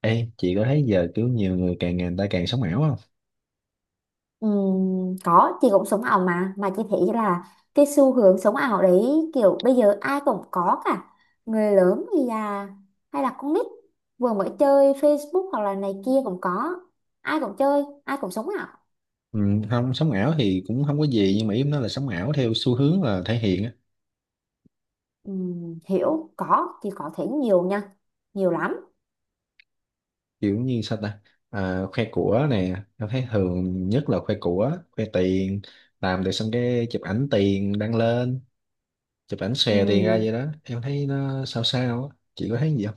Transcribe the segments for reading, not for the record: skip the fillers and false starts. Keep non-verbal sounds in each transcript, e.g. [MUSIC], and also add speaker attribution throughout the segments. Speaker 1: Ê, chị có thấy giờ kiểu nhiều người càng ngày người ta càng sống ảo không?
Speaker 2: Có chị cũng sống ảo, mà chị thấy là cái xu hướng sống ảo đấy kiểu bây giờ ai cũng có cả, người lớn thì là hay là con nít vừa mới chơi Facebook hoặc là này kia cũng có, ai cũng chơi ai cũng sống ảo.
Speaker 1: Ừ, không, sống ảo thì cũng không có gì nhưng mà ý em nói là sống ảo theo xu hướng là thể hiện á,
Speaker 2: Hiểu, có chị có thấy nhiều nha, nhiều lắm.
Speaker 1: kiểu như sao ta? À, khoe của nè, em thấy thường nhất là khoe của, khoe tiền, làm được xong cái chụp ảnh tiền đăng lên, chụp ảnh xòe tiền ra vậy đó. Em thấy nó sao sao á, chị có thấy gì không?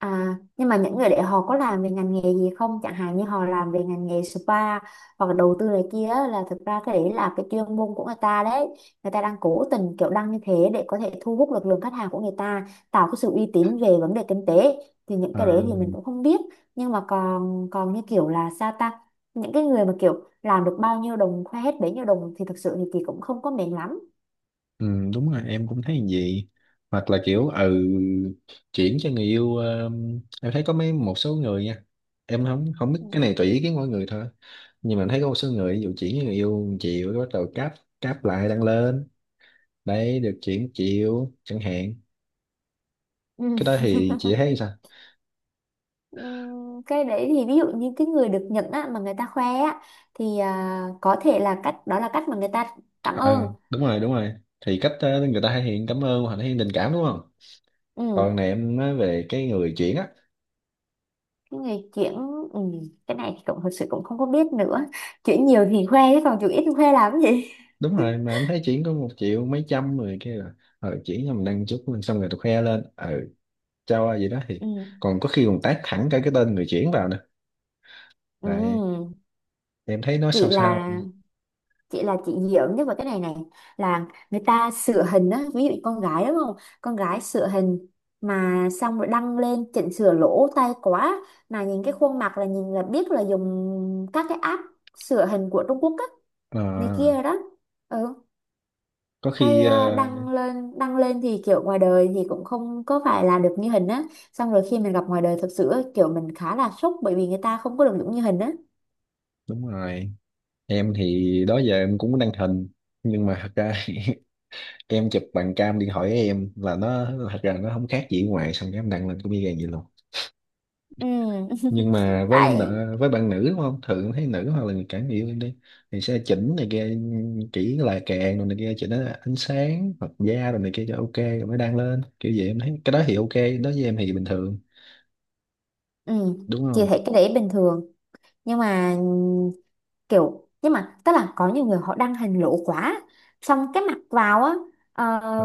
Speaker 2: À, nhưng mà những người đấy họ có làm về ngành nghề gì không? Chẳng hạn như họ làm về ngành nghề spa hoặc là đầu tư này kia á, là thực ra cái đấy là cái chuyên môn của người ta đấy. Người ta đang cố tình kiểu đăng như thế để có thể thu hút lực lượng khách hàng của người ta, tạo cái sự uy tín về vấn đề kinh tế. Thì những
Speaker 1: Ờ.
Speaker 2: cái đấy thì mình cũng không biết. Nhưng mà còn còn như kiểu là sao ta? Những cái người mà kiểu làm được bao nhiêu đồng khoe hết bấy nhiêu đồng thì thực sự thì chị cũng không có mệt lắm.
Speaker 1: Ừ, đúng rồi em cũng thấy như vậy, hoặc là kiểu chuyển cho người yêu, em thấy có một số người nha, em không không biết cái này tùy ý kiến mỗi người thôi, nhưng mà em thấy có một số người ví dụ chuyển cho người yêu chịu bắt đầu cáp cáp lại đăng lên, đấy được chuyển chịu chẳng hạn.
Speaker 2: Ừ.
Speaker 1: Cái đó thì chị thấy sao?
Speaker 2: Cái đấy thì ví dụ như cái người được nhận á, mà người ta khoe á thì có thể là cách đó là cách mà người ta cảm
Speaker 1: ờ
Speaker 2: ơn.
Speaker 1: Đúng rồi đúng rồi, thì cách người ta thể hiện cảm ơn hoặc thể hiện tình cảm, đúng không? Còn
Speaker 2: Ừ.
Speaker 1: này em nói về cái người chuyển á.
Speaker 2: Cái người chuyển, ừ. Cái này thì cũng thật sự cũng không có biết nữa, chuyển nhiều thì khoe chứ còn chuyển ít thì khoe làm cái gì.
Speaker 1: Đúng
Speaker 2: [LAUGHS]
Speaker 1: rồi, mà em thấy chuyển có 1 triệu mấy trăm rồi kia là chuyển cho mình đăng chút lên xong rồi tôi khoe lên, cho ai gì đó thì,
Speaker 2: Ừ.
Speaker 1: còn có khi còn tag thẳng cả cái tên người chuyển vào nữa lại,
Speaker 2: Ừ.
Speaker 1: em thấy nó
Speaker 2: chị
Speaker 1: sao sao.
Speaker 2: là chị là chị hiểu nhất vào cái này này, là người ta sửa hình á, ví dụ con gái đúng không, con gái sửa hình mà xong rồi đăng lên chỉnh sửa lỗ tay quá, mà nhìn cái khuôn mặt là nhìn là biết là dùng các cái app sửa hình của Trung Quốc á,
Speaker 1: Ờ,
Speaker 2: này kia đó. Ừ.
Speaker 1: có
Speaker 2: Cái
Speaker 1: khi,
Speaker 2: đăng lên thì kiểu ngoài đời thì cũng không có phải là được như hình á, xong rồi khi mình gặp ngoài đời thật sự á, kiểu mình khá là sốc bởi vì người ta không có được giống như hình á.
Speaker 1: đúng rồi, em thì đó giờ em cũng đăng hình, nhưng mà thật ra [LAUGHS] em chụp bằng cam điện thoại của em là nó thật ra nó không khác gì ngoài, xong cái em đăng lên cũng y gan vậy luôn.
Speaker 2: Ừ. [LAUGHS]
Speaker 1: Nhưng mà với
Speaker 2: Tại.
Speaker 1: nợ, với bạn nữ, đúng không, thường thấy nữ hoặc là người cả người yêu em đi thì sẽ chỉnh này kia, chỉ là kèn rồi này kia, chỉnh ánh sáng hoặc da rồi này kia cho ok rồi mới đăng lên kiểu vậy, em thấy cái đó thì ok, đó với em thì bình thường,
Speaker 2: Ừ.
Speaker 1: đúng
Speaker 2: Chị
Speaker 1: không?
Speaker 2: thấy cái đấy bình thường, nhưng mà kiểu, nhưng mà tức là có nhiều người họ đăng hình lỗ quá, xong cái mặc vào á, ờ,
Speaker 1: Ừ.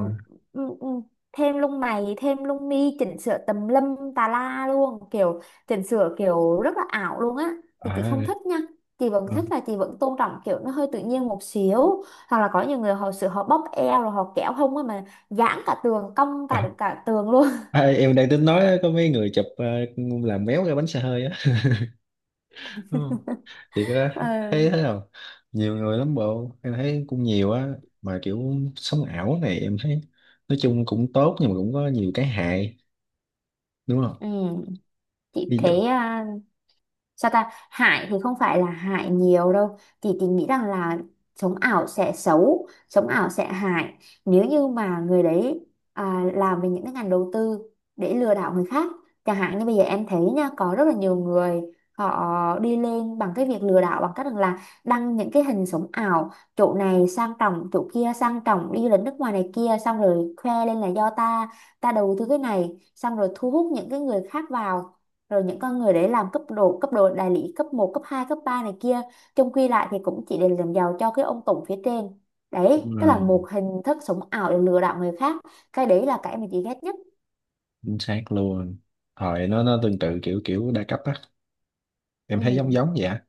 Speaker 2: ừm, ừm, thêm lông mày thêm lông mi chỉnh sửa tùm lum tà la luôn, kiểu chỉnh sửa kiểu rất là ảo luôn á, thì
Speaker 1: À.
Speaker 2: chị không thích nha. Chị vẫn
Speaker 1: Ừ.
Speaker 2: thích là chị vẫn tôn trọng kiểu nó hơi tự nhiên một xíu. Hoặc là có nhiều người họ sửa, họ bóp eo rồi họ kéo hông á, mà giãn cả tường, cong
Speaker 1: À.
Speaker 2: cả cả tường luôn.
Speaker 1: À, em đang tính nói có mấy người chụp làm méo cái bánh xe hơi á [LAUGHS] đúng không? Thì cái đó
Speaker 2: [LAUGHS] Ừ.
Speaker 1: thấy thế nào? Nhiều người lắm bộ em thấy cũng nhiều á, mà kiểu sống ảo này em thấy nói chung cũng tốt nhưng mà cũng có nhiều cái hại, đúng không?
Speaker 2: Ừ, chị
Speaker 1: Ví dụ,
Speaker 2: thấy, sao ta, hại thì không phải là hại nhiều đâu, thì tình nghĩ rằng là sống ảo sẽ xấu, sống ảo sẽ hại nếu như mà người đấy làm về những cái ngành đầu tư để lừa đảo người khác. Chẳng hạn như bây giờ em thấy nha, có rất là nhiều người họ đi lên bằng cái việc lừa đảo, bằng cách rằng là đăng những cái hình sống ảo, chỗ này sang trọng chỗ kia sang trọng, đi du lịch nước ngoài này kia, xong rồi khoe lên là do ta, ta đầu tư cái này, xong rồi thu hút những cái người khác vào, rồi những con người đấy làm cấp độ, đại lý cấp một cấp 2 cấp 3 này kia, chung quy lại thì cũng chỉ để làm giàu cho cái ông tổng phía trên đấy.
Speaker 1: đúng
Speaker 2: Tức là
Speaker 1: rồi,
Speaker 2: một hình thức sống ảo để lừa đảo người khác. Cái đấy là cái mình chị ghét nhất.
Speaker 1: chính xác luôn, thời nó tương tự kiểu kiểu đa cấp á, em thấy giống
Speaker 2: Ừ.
Speaker 1: giống vậy á.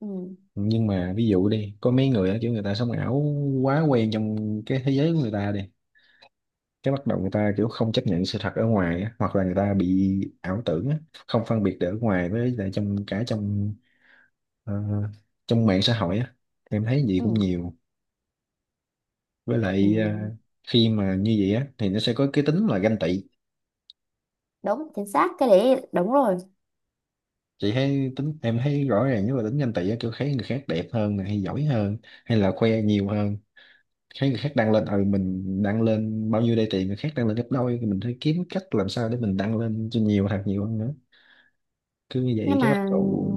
Speaker 2: ừ
Speaker 1: Nhưng mà ví dụ đi có mấy người á, kiểu người ta sống ảo quá quen trong cái thế giới của người ta đi, cái bắt đầu người ta kiểu không chấp nhận sự thật ở ngoài á, hoặc là người ta bị ảo tưởng á, không phân biệt được ở ngoài với lại trong cả ờ, trong mạng xã hội á, em thấy gì
Speaker 2: ừ
Speaker 1: cũng nhiều. Với lại
Speaker 2: ừ
Speaker 1: khi mà như vậy á thì nó sẽ có cái tính là ganh tị,
Speaker 2: Đúng, chính xác, cái đấy đúng rồi.
Speaker 1: chị thấy tính em thấy rõ ràng, nếu mà tính nhanh tỷ á, kiểu thấy người khác đẹp hơn này hay giỏi hơn hay là khoe nhiều hơn, thấy người khác đăng lên, mình đăng lên bao nhiêu đây tiền người khác đăng lên gấp đôi thì mình phải kiếm cách làm sao để mình đăng lên cho nhiều thật nhiều hơn nữa, cứ như vậy
Speaker 2: Nhưng
Speaker 1: cái bắt
Speaker 2: mà
Speaker 1: đầu.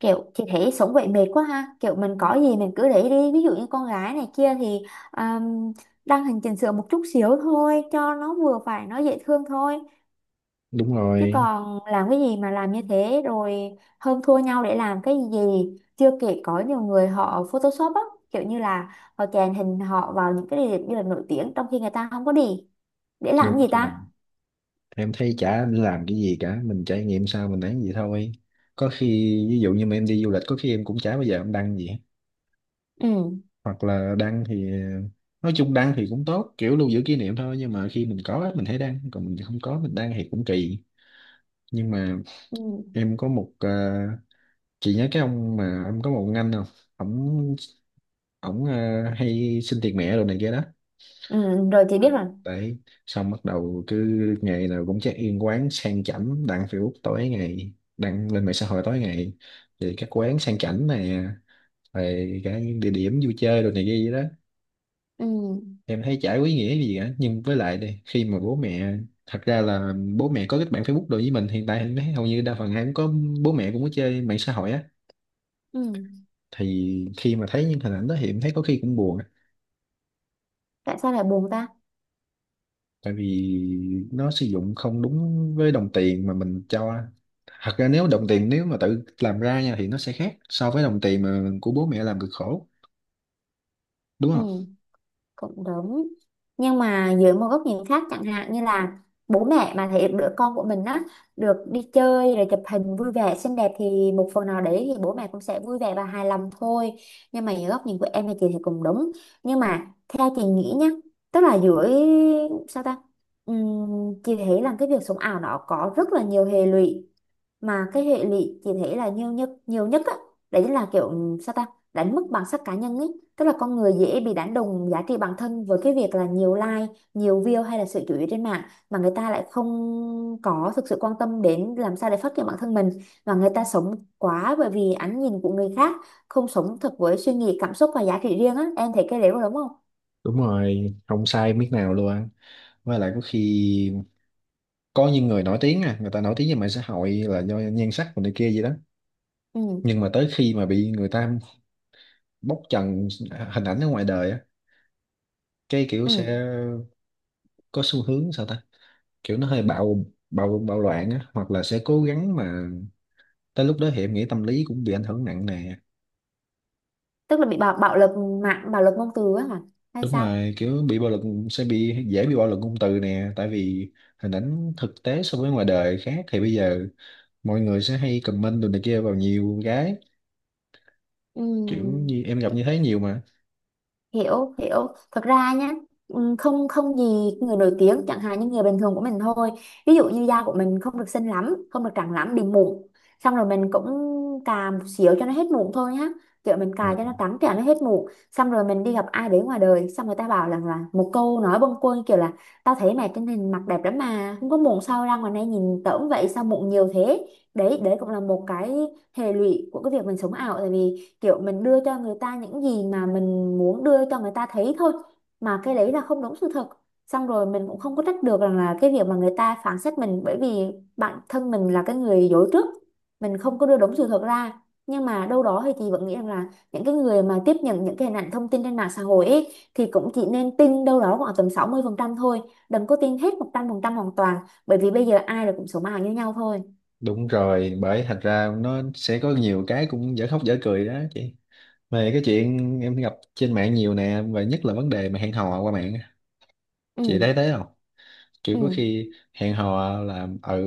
Speaker 2: kiểu chị thấy sống vậy mệt quá ha, kiểu mình có gì mình cứ để đi, ví dụ như con gái này kia thì um, đăng hình chỉnh sửa một chút xíu thôi cho nó vừa phải, nó dễ thương thôi,
Speaker 1: Đúng
Speaker 2: chứ
Speaker 1: rồi
Speaker 2: còn làm cái gì mà làm như thế rồi hơn thua nhau để làm cái gì. Chưa kể có nhiều người họ Photoshop á, kiểu như là họ chèn hình họ vào những cái địa điểm du lịch nổi tiếng trong khi người ta không có đi, để làm
Speaker 1: đúng
Speaker 2: gì
Speaker 1: rồi,
Speaker 2: ta.
Speaker 1: em thấy chả nên làm cái gì cả, mình trải nghiệm sao mình ấy gì thôi, có khi ví dụ như mà em đi du lịch có khi em cũng chả bao giờ em đăng gì,
Speaker 2: Ừ.
Speaker 1: hoặc là đăng thì nói chung đăng thì cũng tốt kiểu lưu giữ kỷ niệm thôi, nhưng mà khi mình có á, mình thấy đăng còn mình không có mình đăng thì cũng kỳ. Nhưng mà
Speaker 2: Ừ.
Speaker 1: em có một ờ, chị nhớ cái ông mà em có một ông anh không? Ổng ổng ờ, hay xin tiền mẹ đồ này kia đó,
Speaker 2: Ừ. Rồi, chị biết rồi.
Speaker 1: đấy, xong bắt đầu cứ ngày nào cũng check in quán sang chảnh đăng Facebook tối ngày, đăng lên mạng xã hội tối ngày thì các quán sang chảnh này, về cả những địa điểm vui chơi đồ này kia vậy đó,
Speaker 2: Ừ.
Speaker 1: em thấy chả có ý nghĩa gì cả, nhưng với lại đây khi mà bố mẹ, thật ra là bố mẹ có kết bạn Facebook đối với mình hiện tại em thấy hầu như đa phần ai cũng có, bố mẹ cũng có chơi mạng xã hội á,
Speaker 2: Ừ.
Speaker 1: thì khi mà thấy những hình ảnh đó thì em thấy có khi cũng buồn á.
Speaker 2: Tại sao lại buồn ta?
Speaker 1: Tại vì nó sử dụng không đúng với đồng tiền mà mình cho, thật ra nếu đồng tiền nếu mà tự làm ra nha thì nó sẽ khác so với đồng tiền mà của bố mẹ làm cực khổ, đúng
Speaker 2: Ừ,
Speaker 1: không?
Speaker 2: cũng đúng, nhưng mà dưới một góc nhìn khác, chẳng hạn như là bố mẹ mà thấy đứa con của mình á được đi chơi rồi chụp hình vui vẻ xinh đẹp, thì một phần nào đấy thì bố mẹ cũng sẽ vui vẻ và hài lòng thôi. Nhưng mà dưới góc nhìn của em thì, chị thì cũng đúng, nhưng mà theo chị nghĩ nhá, tức là dưới, sao ta, ừm, chị thấy là cái việc sống ảo nó có rất là nhiều hệ lụy, mà cái hệ lụy chị thấy là nhiều nhất á, đấy là kiểu, sao ta, đánh mất bản sắc cá nhân ấy, tức là con người dễ bị đánh đồng giá trị bản thân với cái việc là nhiều like, nhiều view hay là sự chú ý trên mạng, mà người ta lại không có thực sự quan tâm đến làm sao để phát triển bản thân mình, và người ta sống quá bởi vì ánh nhìn của người khác, không sống thật với suy nghĩ cảm xúc và giá trị riêng á, em thấy cái đấy có đúng không.
Speaker 1: Đúng rồi, không sai miếng nào luôn á. Với lại có khi có những người nổi tiếng, à, người ta nổi tiếng về mạng xã hội là do nhan sắc của này kia gì đó,
Speaker 2: Ừ.
Speaker 1: nhưng mà tới khi mà bị người ta bóc trần hình ảnh ở ngoài đời á, cái kiểu
Speaker 2: Ừ.
Speaker 1: sẽ có xu hướng sao ta, kiểu nó hơi bạo bạo bạo loạn á, hoặc là sẽ cố gắng mà tới lúc đó thì em nghĩ tâm lý cũng bị ảnh hưởng nặng nè.
Speaker 2: Tức là bị, bạo bạo lực mạng, bạo lực ngôn từ á hả, hay
Speaker 1: Đúng
Speaker 2: sao.
Speaker 1: rồi, kiểu bị bạo lực, sẽ bị dễ bị bạo lực ngôn từ nè, tại vì hình ảnh thực tế so với ngoài đời khác thì bây giờ mọi người sẽ hay comment đồ này kia vào nhiều cái, kiểu
Speaker 2: Ừ.
Speaker 1: như em gặp như thế nhiều mà.
Speaker 2: hiểu hiểu thật ra nhá, không, không gì. Người nổi tiếng, chẳng hạn như người bình thường của mình thôi, ví dụ như da của mình không được xinh lắm, không được trắng lắm, bị mụn, xong rồi mình cũng cà một xíu cho nó hết mụn thôi nhá, kiểu mình
Speaker 1: Ờ.
Speaker 2: cà cho nó trắng trẻo, nó hết mụn. Xong rồi mình đi gặp ai đấy ngoài đời, xong người ta bảo rằng là một câu nói bâng quơ kiểu là, tao thấy mày trên hình mặt đẹp lắm mà không có mụn, sao ra ngoài này nhìn tởm vậy, sao mụn nhiều thế. Đấy đấy cũng là một cái hệ lụy của cái việc mình sống ảo. Tại vì kiểu mình đưa cho người ta những gì mà mình muốn đưa cho người ta thấy thôi, mà cái đấy là không đúng sự thật, xong rồi mình cũng không có trách được rằng là cái việc mà người ta phán xét mình, bởi vì bản thân mình là cái người dối trước, mình không có đưa đúng sự thật ra. Nhưng mà đâu đó thì chị vẫn nghĩ rằng là những cái người mà tiếp nhận những cái hình ảnh thông tin trên mạng xã hội ấy, thì cũng chỉ nên tin đâu đó khoảng tầm 60% thôi, đừng có tin hết 100% hoàn toàn, bởi vì bây giờ ai là cũng số mạng như nhau thôi.
Speaker 1: Đúng rồi, bởi thành ra nó sẽ có nhiều cái cũng dở khóc dở cười đó chị. Về cái chuyện em gặp trên mạng nhiều nè, và nhất là vấn đề mà hẹn hò qua mạng á. Chị
Speaker 2: ừ
Speaker 1: thấy thế không? Kiểu có
Speaker 2: ừ
Speaker 1: khi hẹn hò là ở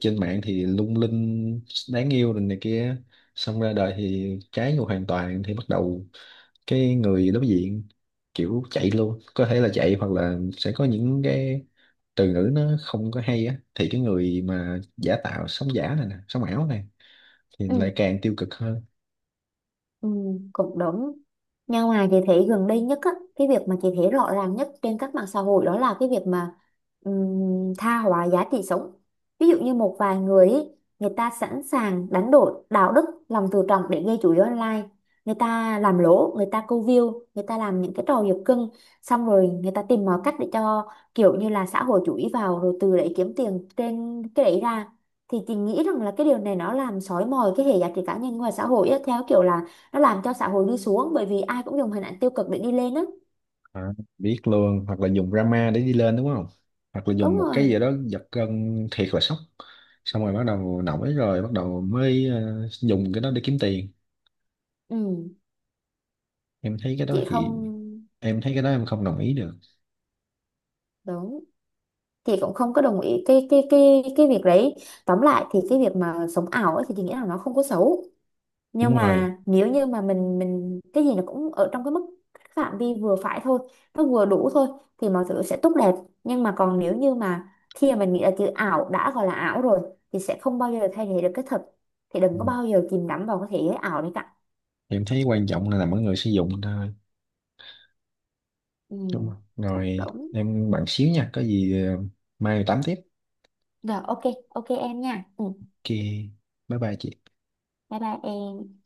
Speaker 1: trên mạng thì lung linh, đáng yêu rồi này kia. Xong ra đời thì trái ngược hoàn toàn thì bắt đầu cái người đối diện kiểu chạy luôn. Có thể là chạy hoặc là sẽ có những cái từ ngữ nó không có hay á. Thì cái người mà giả tạo, sống giả này nè, sống ảo này thì
Speaker 2: ừ.
Speaker 1: lại càng tiêu cực hơn.
Speaker 2: Ừ, cũng đúng. Nhưng mà chị thấy gần đây nhất á, cái việc mà chị thấy rõ ràng nhất trên các mạng xã hội đó là cái việc mà, tha hóa giá trị sống. Ví dụ như một vài người ý, người ta sẵn sàng đánh đổi đạo đức, lòng tự trọng để gây chú ý online. Người ta làm lỗ, người ta câu view, người ta làm những cái trò giật cưng, xong rồi người ta tìm mọi cách để cho kiểu như là xã hội chú ý vào, rồi từ đấy kiếm tiền trên cái đấy ra. Thì chị nghĩ rằng là cái điều này nó làm xói mòn cái hệ giá trị cá nhân ngoài xã hội á, theo kiểu là nó làm cho xã hội đi xuống, bởi vì ai cũng dùng hình ảnh tiêu cực để đi lên á.
Speaker 1: À, biết luôn, hoặc là dùng drama để đi lên, đúng không, hoặc là dùng
Speaker 2: Đúng
Speaker 1: một cái
Speaker 2: rồi.
Speaker 1: gì đó giật gân thiệt là sốc, xong rồi bắt đầu nổi rồi bắt đầu mới dùng cái đó để kiếm tiền.
Speaker 2: Ừ.
Speaker 1: Em thấy cái đó
Speaker 2: Chị
Speaker 1: thì
Speaker 2: không,
Speaker 1: Em thấy cái đó em không đồng ý được.
Speaker 2: đúng, chị cũng không có đồng ý cái việc đấy. Tóm lại thì cái việc mà sống ảo ấy thì chị nghĩ là nó không có xấu, nhưng
Speaker 1: Đúng rồi.
Speaker 2: mà nếu như mà mình cái gì nó cũng ở trong cái mức phạm vi vừa phải thôi, nó vừa đủ thôi, thì mọi thứ sẽ tốt đẹp. Nhưng mà còn nếu như mà khi mà mình nghĩ là chữ ảo đã gọi là ảo rồi, thì sẽ không bao giờ thay thế được cái thật, thì đừng
Speaker 1: Ừ.
Speaker 2: có bao giờ chìm đắm vào cái thế giới ảo đấy cả.
Speaker 1: Em thấy quan trọng là nằm ở người sử dụng thôi,
Speaker 2: Ừ,
Speaker 1: đúng không?
Speaker 2: cũng
Speaker 1: Rồi
Speaker 2: đúng.
Speaker 1: em bạn xíu nha, có gì mai tám tiếp,
Speaker 2: Rồi, ok. Ok em nha. Ừ,
Speaker 1: kia, bye bye chị
Speaker 2: bye bye em.